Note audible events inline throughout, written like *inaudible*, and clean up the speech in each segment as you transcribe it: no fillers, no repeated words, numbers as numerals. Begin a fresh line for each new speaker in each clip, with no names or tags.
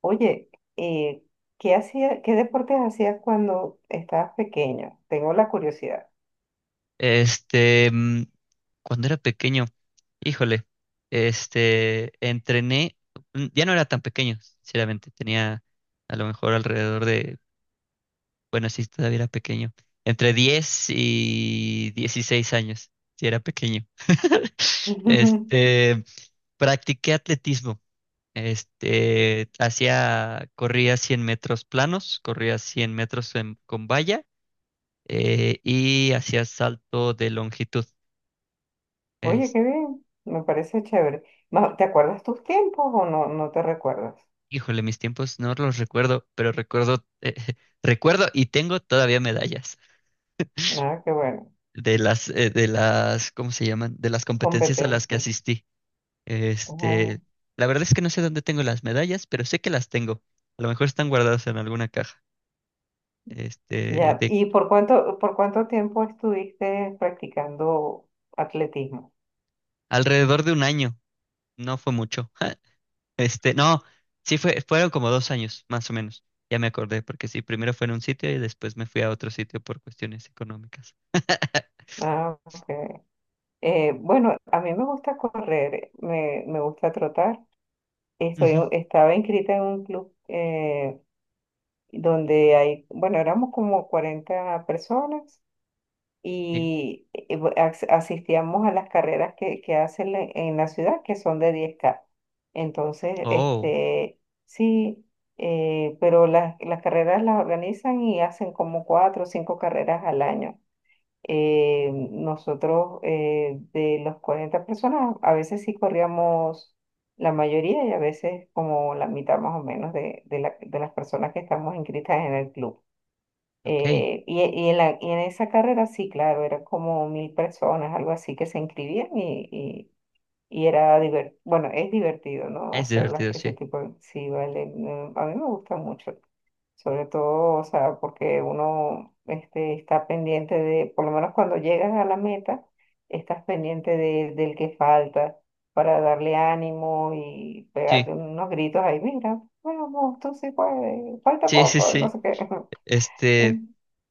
Oye, eh, ¿qué hacía, qué deportes hacías cuando estabas pequeño? Tengo la curiosidad.
Este, mm, Cuando era pequeño, híjole, entrené. Ya no era tan pequeño, sinceramente, tenía a lo mejor alrededor de, bueno, sí, todavía era pequeño, entre 10 y 16 años, sí era pequeño. *laughs*
*laughs*
Este, Practiqué atletismo. Hacía, corría 100 metros planos, corría 100 metros con valla, y hacía salto de longitud.
Oye, qué bien, me parece chévere. ¿Te acuerdas tus tiempos o no te recuerdas?
Híjole, mis tiempos no los recuerdo, pero recuerdo, *laughs* recuerdo y tengo todavía medallas
Ah, qué bueno,
de las, ¿cómo se llaman? De las competencias a las que
competencia.
asistí. Este,
Ah,
la verdad es que no sé dónde tengo las medallas, pero sé que las tengo. A lo mejor están guardadas en alguna caja. Este,
ya,
de
¿y por cuánto tiempo estuviste practicando atletismo?
Alrededor de un año. No fue mucho. *laughs* No, sí fue, fueron como 2 años, más o menos. Ya me acordé, porque sí, primero fue en un sitio y después me fui a otro sitio por cuestiones económicas. *laughs*
Ah, ok. Bueno, a mí me gusta correr, me gusta trotar.
Ujú,
Estaba inscrita en un club. Donde hay, bueno, éramos como 40 personas
sí.
y asistíamos a las carreras que hacen en la ciudad, que son de 10 K. Entonces,
Oh.
sí, pero las carreras las organizan y hacen como cuatro o cinco carreras al año. Nosotros de los 40 personas, a veces sí corríamos la mayoría y a veces como la mitad más o menos de, de las personas que estamos inscritas en el club.
Ok,
Y en y en esa carrera sí, claro, eran como 1000 personas, algo así, que se inscribían y era divertido, bueno, es divertido, ¿no?
es
Hacer
divertido,
ese
sí.
tipo de. Sí, vale, no, a mí me gusta mucho sobre todo, o sea, porque uno está pendiente de, por lo menos cuando llegas a la meta, estás pendiente de, del que falta para darle ánimo y
Sí,
pegarle unos gritos ahí, mira, vamos, tú sí puedes, falta
sí, sí,
poco, y no
sí.
sé qué. *laughs*
Este,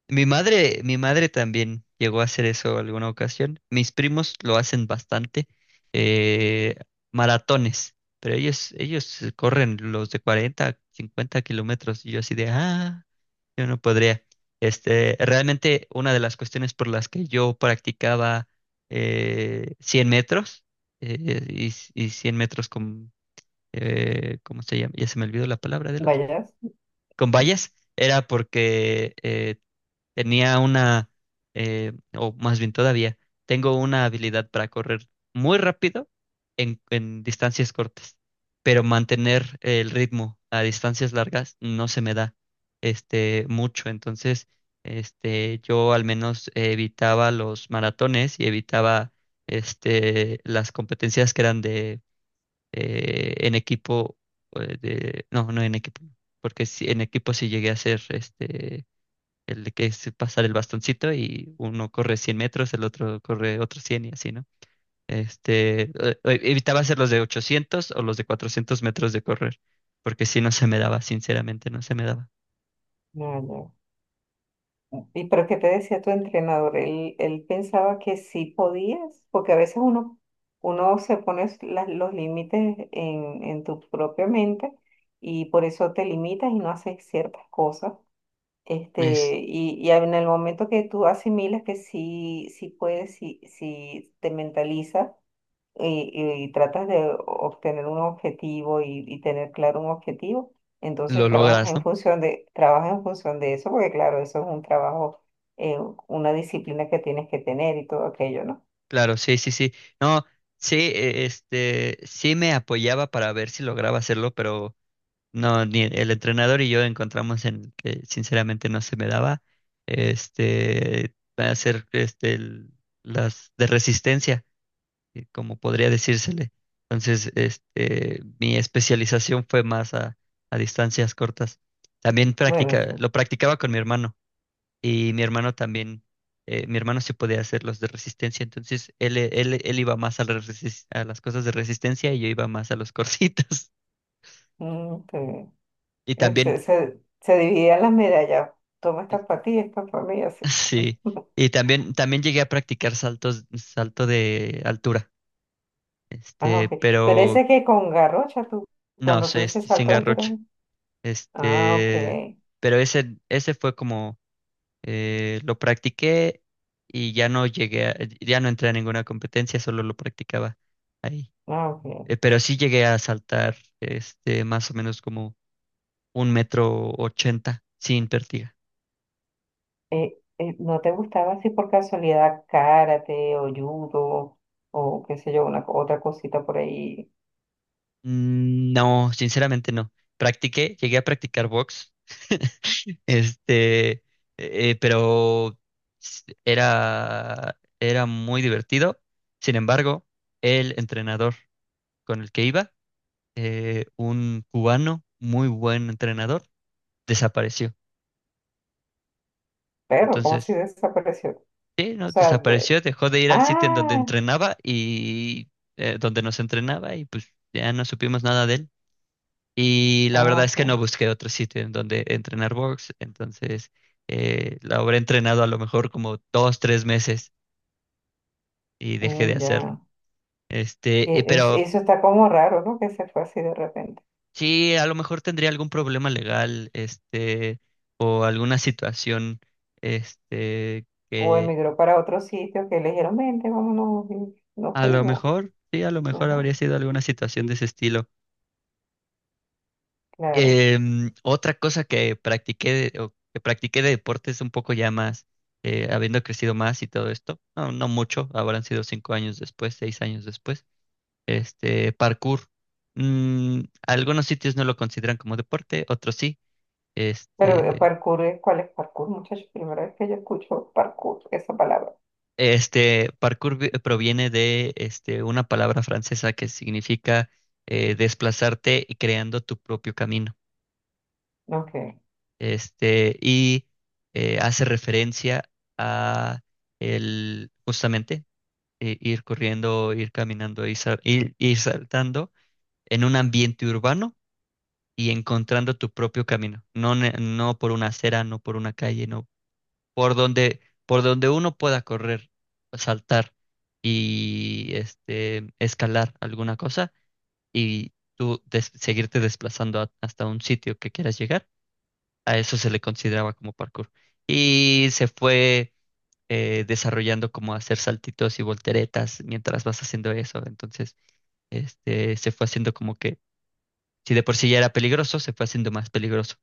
mi madre también llegó a hacer eso alguna ocasión. Mis primos lo hacen bastante, eh, maratones, pero ellos corren los de 40, 50 kilómetros y yo así de, ah, yo no podría. Realmente, una de las cuestiones por las que yo practicaba, 100 metros, y 100 metros, ¿cómo se llama? Ya se me olvidó la palabra del otro.
Vayas.
Con vallas, era porque tenía una, o más bien todavía, tengo una habilidad para correr muy rápido en distancias cortas, pero mantener el ritmo a distancias largas no se me da mucho. Entonces, yo al menos evitaba los maratones y evitaba, las competencias que eran de, en equipo, de, no, no en equipo, porque sí, en equipo sí llegué a hacer, el de que es pasar el bastoncito y uno corre 100 metros, el otro corre otros 100 y así, ¿no? Este, eh, eh, Evitaba hacer los de 800 o los de 400 metros de correr, porque si no se me daba, sinceramente no se me daba.
¿Y pero qué te decía tu entrenador? Él pensaba que sí podías, porque a veces uno, uno se pone los límites en tu propia mente y por eso te limitas y no haces ciertas cosas.
Es,
Este, y en el momento que tú asimilas que sí, sí puedes, sí, sí te mentalizas, y tratas de obtener un objetivo y tener claro un objetivo,
lo
entonces trabajas
logras,
en
¿no?
función de, trabajas en función de eso, porque claro, eso es un trabajo, eh, una disciplina que tienes que tener y todo aquello, ¿no?
Claro, sí, sí, sí. No, sí, sí me apoyaba para ver si lograba hacerlo, pero no, ni el entrenador y yo encontramos en que sinceramente no se me daba hacer las de resistencia, como podría decírsele. Entonces, mi especialización fue más a distancias cortas. También
Bueno, sí.
lo practicaba con mi hermano, y mi hermano también, mi hermano sí podía hacer los de resistencia, entonces él iba más a las cosas de resistencia, y yo iba más a los corsitos. *laughs*
Mm, qué bien.
Y también.
Se dividían las medallas. Toma esta para ti, esta para mí, así.
Sí,
*laughs*
y también llegué a practicar saltos, salto de altura,
Ah, ok. Pero
pero
ese que con garrocha, tú,
no,
cuando tú
se,
dices
este, se
salto de altura,
engarrocha,
¿no? Ah, ok.
este, pero ese fue como, lo practiqué y ya no llegué, ya no entré a ninguna competencia, solo lo practicaba ahí.
Ah, ok.
Pero sí llegué a saltar, más o menos, como un metro ochenta sin pértiga.
¿No te gustaba así por casualidad karate o judo o qué sé yo, otra cosita por ahí?
No, sinceramente no, practiqué, llegué a practicar box. *laughs* Este, pero era muy divertido. Sin embargo, el entrenador con el que iba, un cubano, muy buen entrenador, desapareció.
Pero, ¿cómo así
Entonces,
desapareció?
sí,
O
no,
sea,
desapareció, dejó de ir al sitio en donde
ah,
entrenaba, y, donde nos entrenaba, y pues ya no supimos nada de él. Y la
ah,
verdad es que
ok,
no busqué otro sitio en donde entrenar box. Entonces, la habré entrenado a lo mejor como 2, 3 meses, y dejé de
mm,
hacerlo.
ya.
Pero
Eso está como raro, ¿no? Que se fue así de repente.
sí, a lo mejor tendría algún problema legal, o alguna situación,
O
que
emigró para otro sitio que le dijeron, vente, vámonos, y nos
a lo
fuimos.
mejor, sí, a lo mejor
Ajá,
habría sido alguna situación de ese estilo.
claro.
Otra cosa que practiqué, o que practiqué de deportes un poco ya más, habiendo crecido más y todo esto, no, no mucho, habrán sido 5 años después, 6 años después, parkour. Mm, Algunos sitios no lo consideran como deporte, otros sí.
Pero
Este,
parkour, ¿cuál es parkour, muchachos? Primera vez que yo escucho parkour, esa palabra.
este parkour proviene de, una palabra francesa que significa, desplazarte y creando tu propio camino.
Ok.
Y, hace referencia a el, justamente, ir corriendo, ir caminando, y ir saltando en un ambiente urbano y encontrando tu propio camino. No, no por una acera, no por una calle, no. por donde, por donde uno pueda correr, saltar, y, escalar alguna cosa, y tú seguirte desplazando hasta un sitio que quieras llegar. A eso se le consideraba como parkour. Y se fue, desarrollando como hacer saltitos y volteretas mientras vas haciendo eso. Entonces, se fue haciendo como que, si de por sí ya era peligroso, se fue haciendo más peligroso.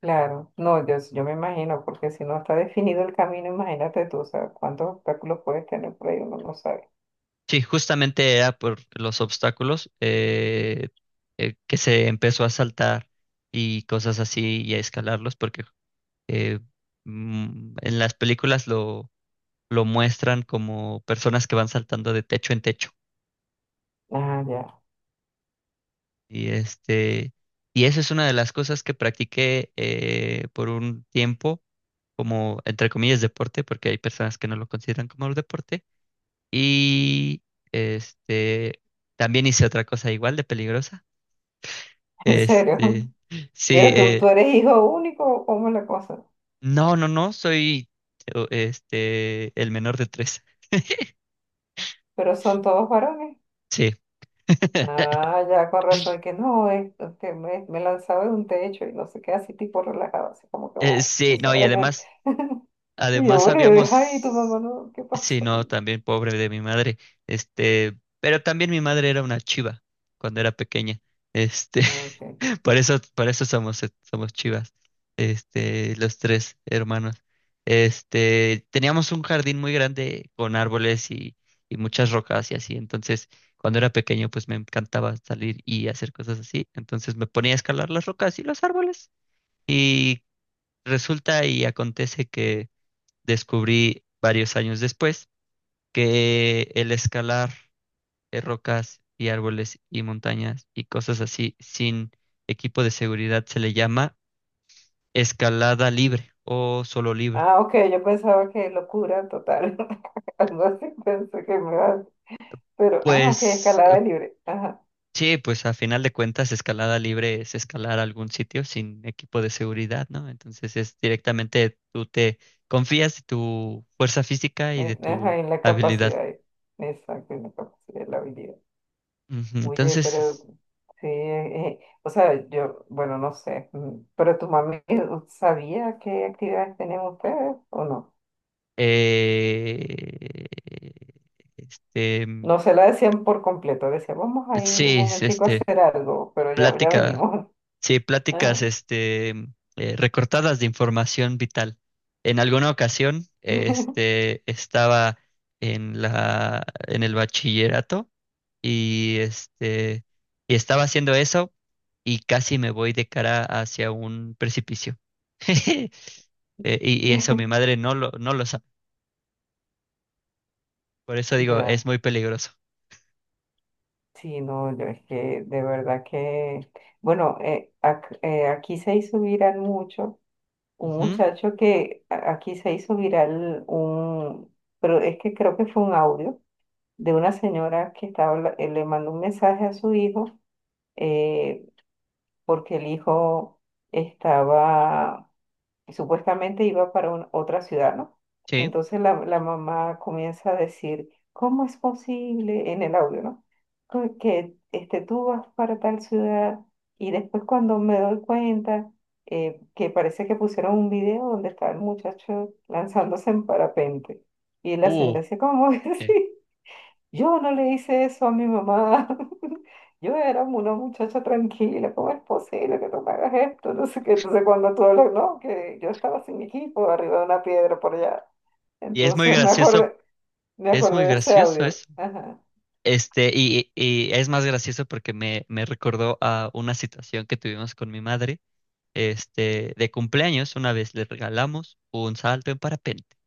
Claro, no, yo me imagino, porque si no está definido el camino, imagínate tú, o sea, cuántos obstáculos puedes tener por ahí, uno no sabe.
Sí, justamente era por los obstáculos, que se empezó a saltar y cosas así y a escalarlos, porque eh, en las películas, lo muestran como personas que van saltando de techo en techo.
Ah, ya,
Y, y eso es una de las cosas que practiqué, por un tiempo, como entre comillas deporte, porque hay personas que no lo consideran como un deporte. Y, este, también hice otra cosa igual de peligrosa.
*laughs* en serio.
Este, sí,
Mira, tú eres hijo único, o ¿cómo es la cosa?
no, no, no, soy el menor de tres.
Pero son todos varones.
Sí. *laughs*
Ah, ya, con razón, que no, es, que me lanzaba de un techo y no sé qué, así tipo relajado, así como que bueno, tú
Sí, no, y
sabes.
además
*laughs* Y yo,
Además,
bueno, ay, tu
habíamos,
mamá, no, ¿qué
sí,
pasó?
no, también pobre de mi madre, pero también mi madre era una chiva cuando era pequeña. este,
Ah, ok.
*laughs* por eso somos, somos chivas, los tres hermanos. Teníamos un jardín muy grande con árboles y muchas rocas y así. Entonces, cuando era pequeño, pues me encantaba salir y hacer cosas así, entonces me ponía a escalar las rocas y los árboles, y resulta y acontece que descubrí varios años después que el escalar, rocas y árboles y montañas y cosas así sin equipo de seguridad, se le llama escalada libre o solo libre.
Ah, ok, yo pensaba que locura total, *laughs* algo así pensé que me iba a. Pero, ah, ok,
Pues,
escalada libre. Ajá,
sí, pues a final de cuentas escalada libre es escalar algún sitio sin equipo de seguridad, ¿no? Entonces es directamente tú te confías de tu fuerza física y de
ajá,
tu
en la
habilidad.
capacidad. Exacto, en la capacidad de la habilidad.
Ujú.
Oye, pero
Entonces,
sí, o sea, yo, bueno, no sé, mm, pero tu mami sabía qué actividades tenían ustedes o no.
Eh, este, mm,
No se la decían por completo, decía, vamos a ir un
sí, es,
momentico a hacer algo, pero ya, ya
plática,
venimos.
sí,
*laughs*
pláticas,
Ajá.
recortadas de información vital. En alguna ocasión,
*laughs*
estaba en el bachillerato, y, y estaba haciendo eso, y casi me voy de cara hacia un precipicio. *laughs* Y eso, mi madre no lo sabe. Por eso digo, es
Ya,
muy peligroso.
sí, no, yo es que de verdad que, bueno, aquí se hizo viral mucho un
Ujú,
muchacho aquí se hizo viral un, pero es que creo que fue un audio de una señora que estaba, le mandó un mensaje a su hijo, eh, porque el hijo estaba y supuestamente iba para otra ciudad, ¿no?
sí.
Entonces la mamá comienza a decir, ¿cómo es posible? En el audio, ¿no? Que este, tú vas para tal ciudad y después cuando me doy cuenta que parece que pusieron un video donde estaba el muchacho lanzándose en parapente". Y la
Uh,
señora dice, ¿cómo *laughs* es
sí.
así? Yo no le hice eso a mi mamá. *laughs* Yo era una muchacha tranquila. ¿Cómo es posible que tú me hagas esto? No sé qué. Entonces, cuando tú hablas, no, que yo estaba sin mi equipo arriba de una piedra por allá.
Y
Entonces, me
es
acordé
muy
de ese
gracioso
audio.
eso.
Ajá.
Y es más gracioso porque me recordó a una situación que tuvimos con mi madre, de cumpleaños. Una vez le regalamos un salto en parapente,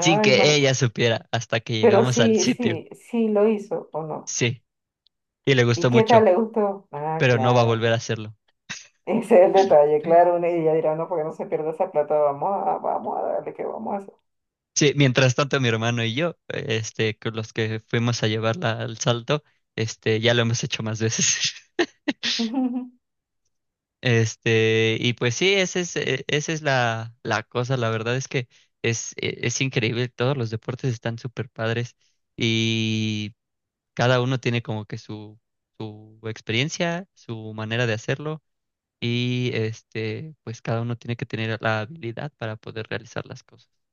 sin que
ma-
ella supiera hasta que
Pero
llegamos al
sí,
sitio.
sí, sí lo hizo o no.
Sí, y le
¿Y
gustó
qué tal
mucho,
le gustó? Ah,
pero no va a
claro.
volver a hacerlo.
Ese es el detalle,
*laughs*
claro. una- Y ella dirá, no, porque no se pierda esa plata. Vamos a darle que vamos a hacer.
Sí, mientras tanto mi hermano y yo, con los que fuimos a llevarla al salto, ya lo hemos hecho más veces. *laughs*
*laughs*
Y pues sí, esa es la cosa. La verdad es que es increíble. Todos los deportes están súper padres, y cada uno tiene como que su experiencia, su manera de hacerlo, y, pues cada uno tiene que tener la habilidad para poder realizar las cosas.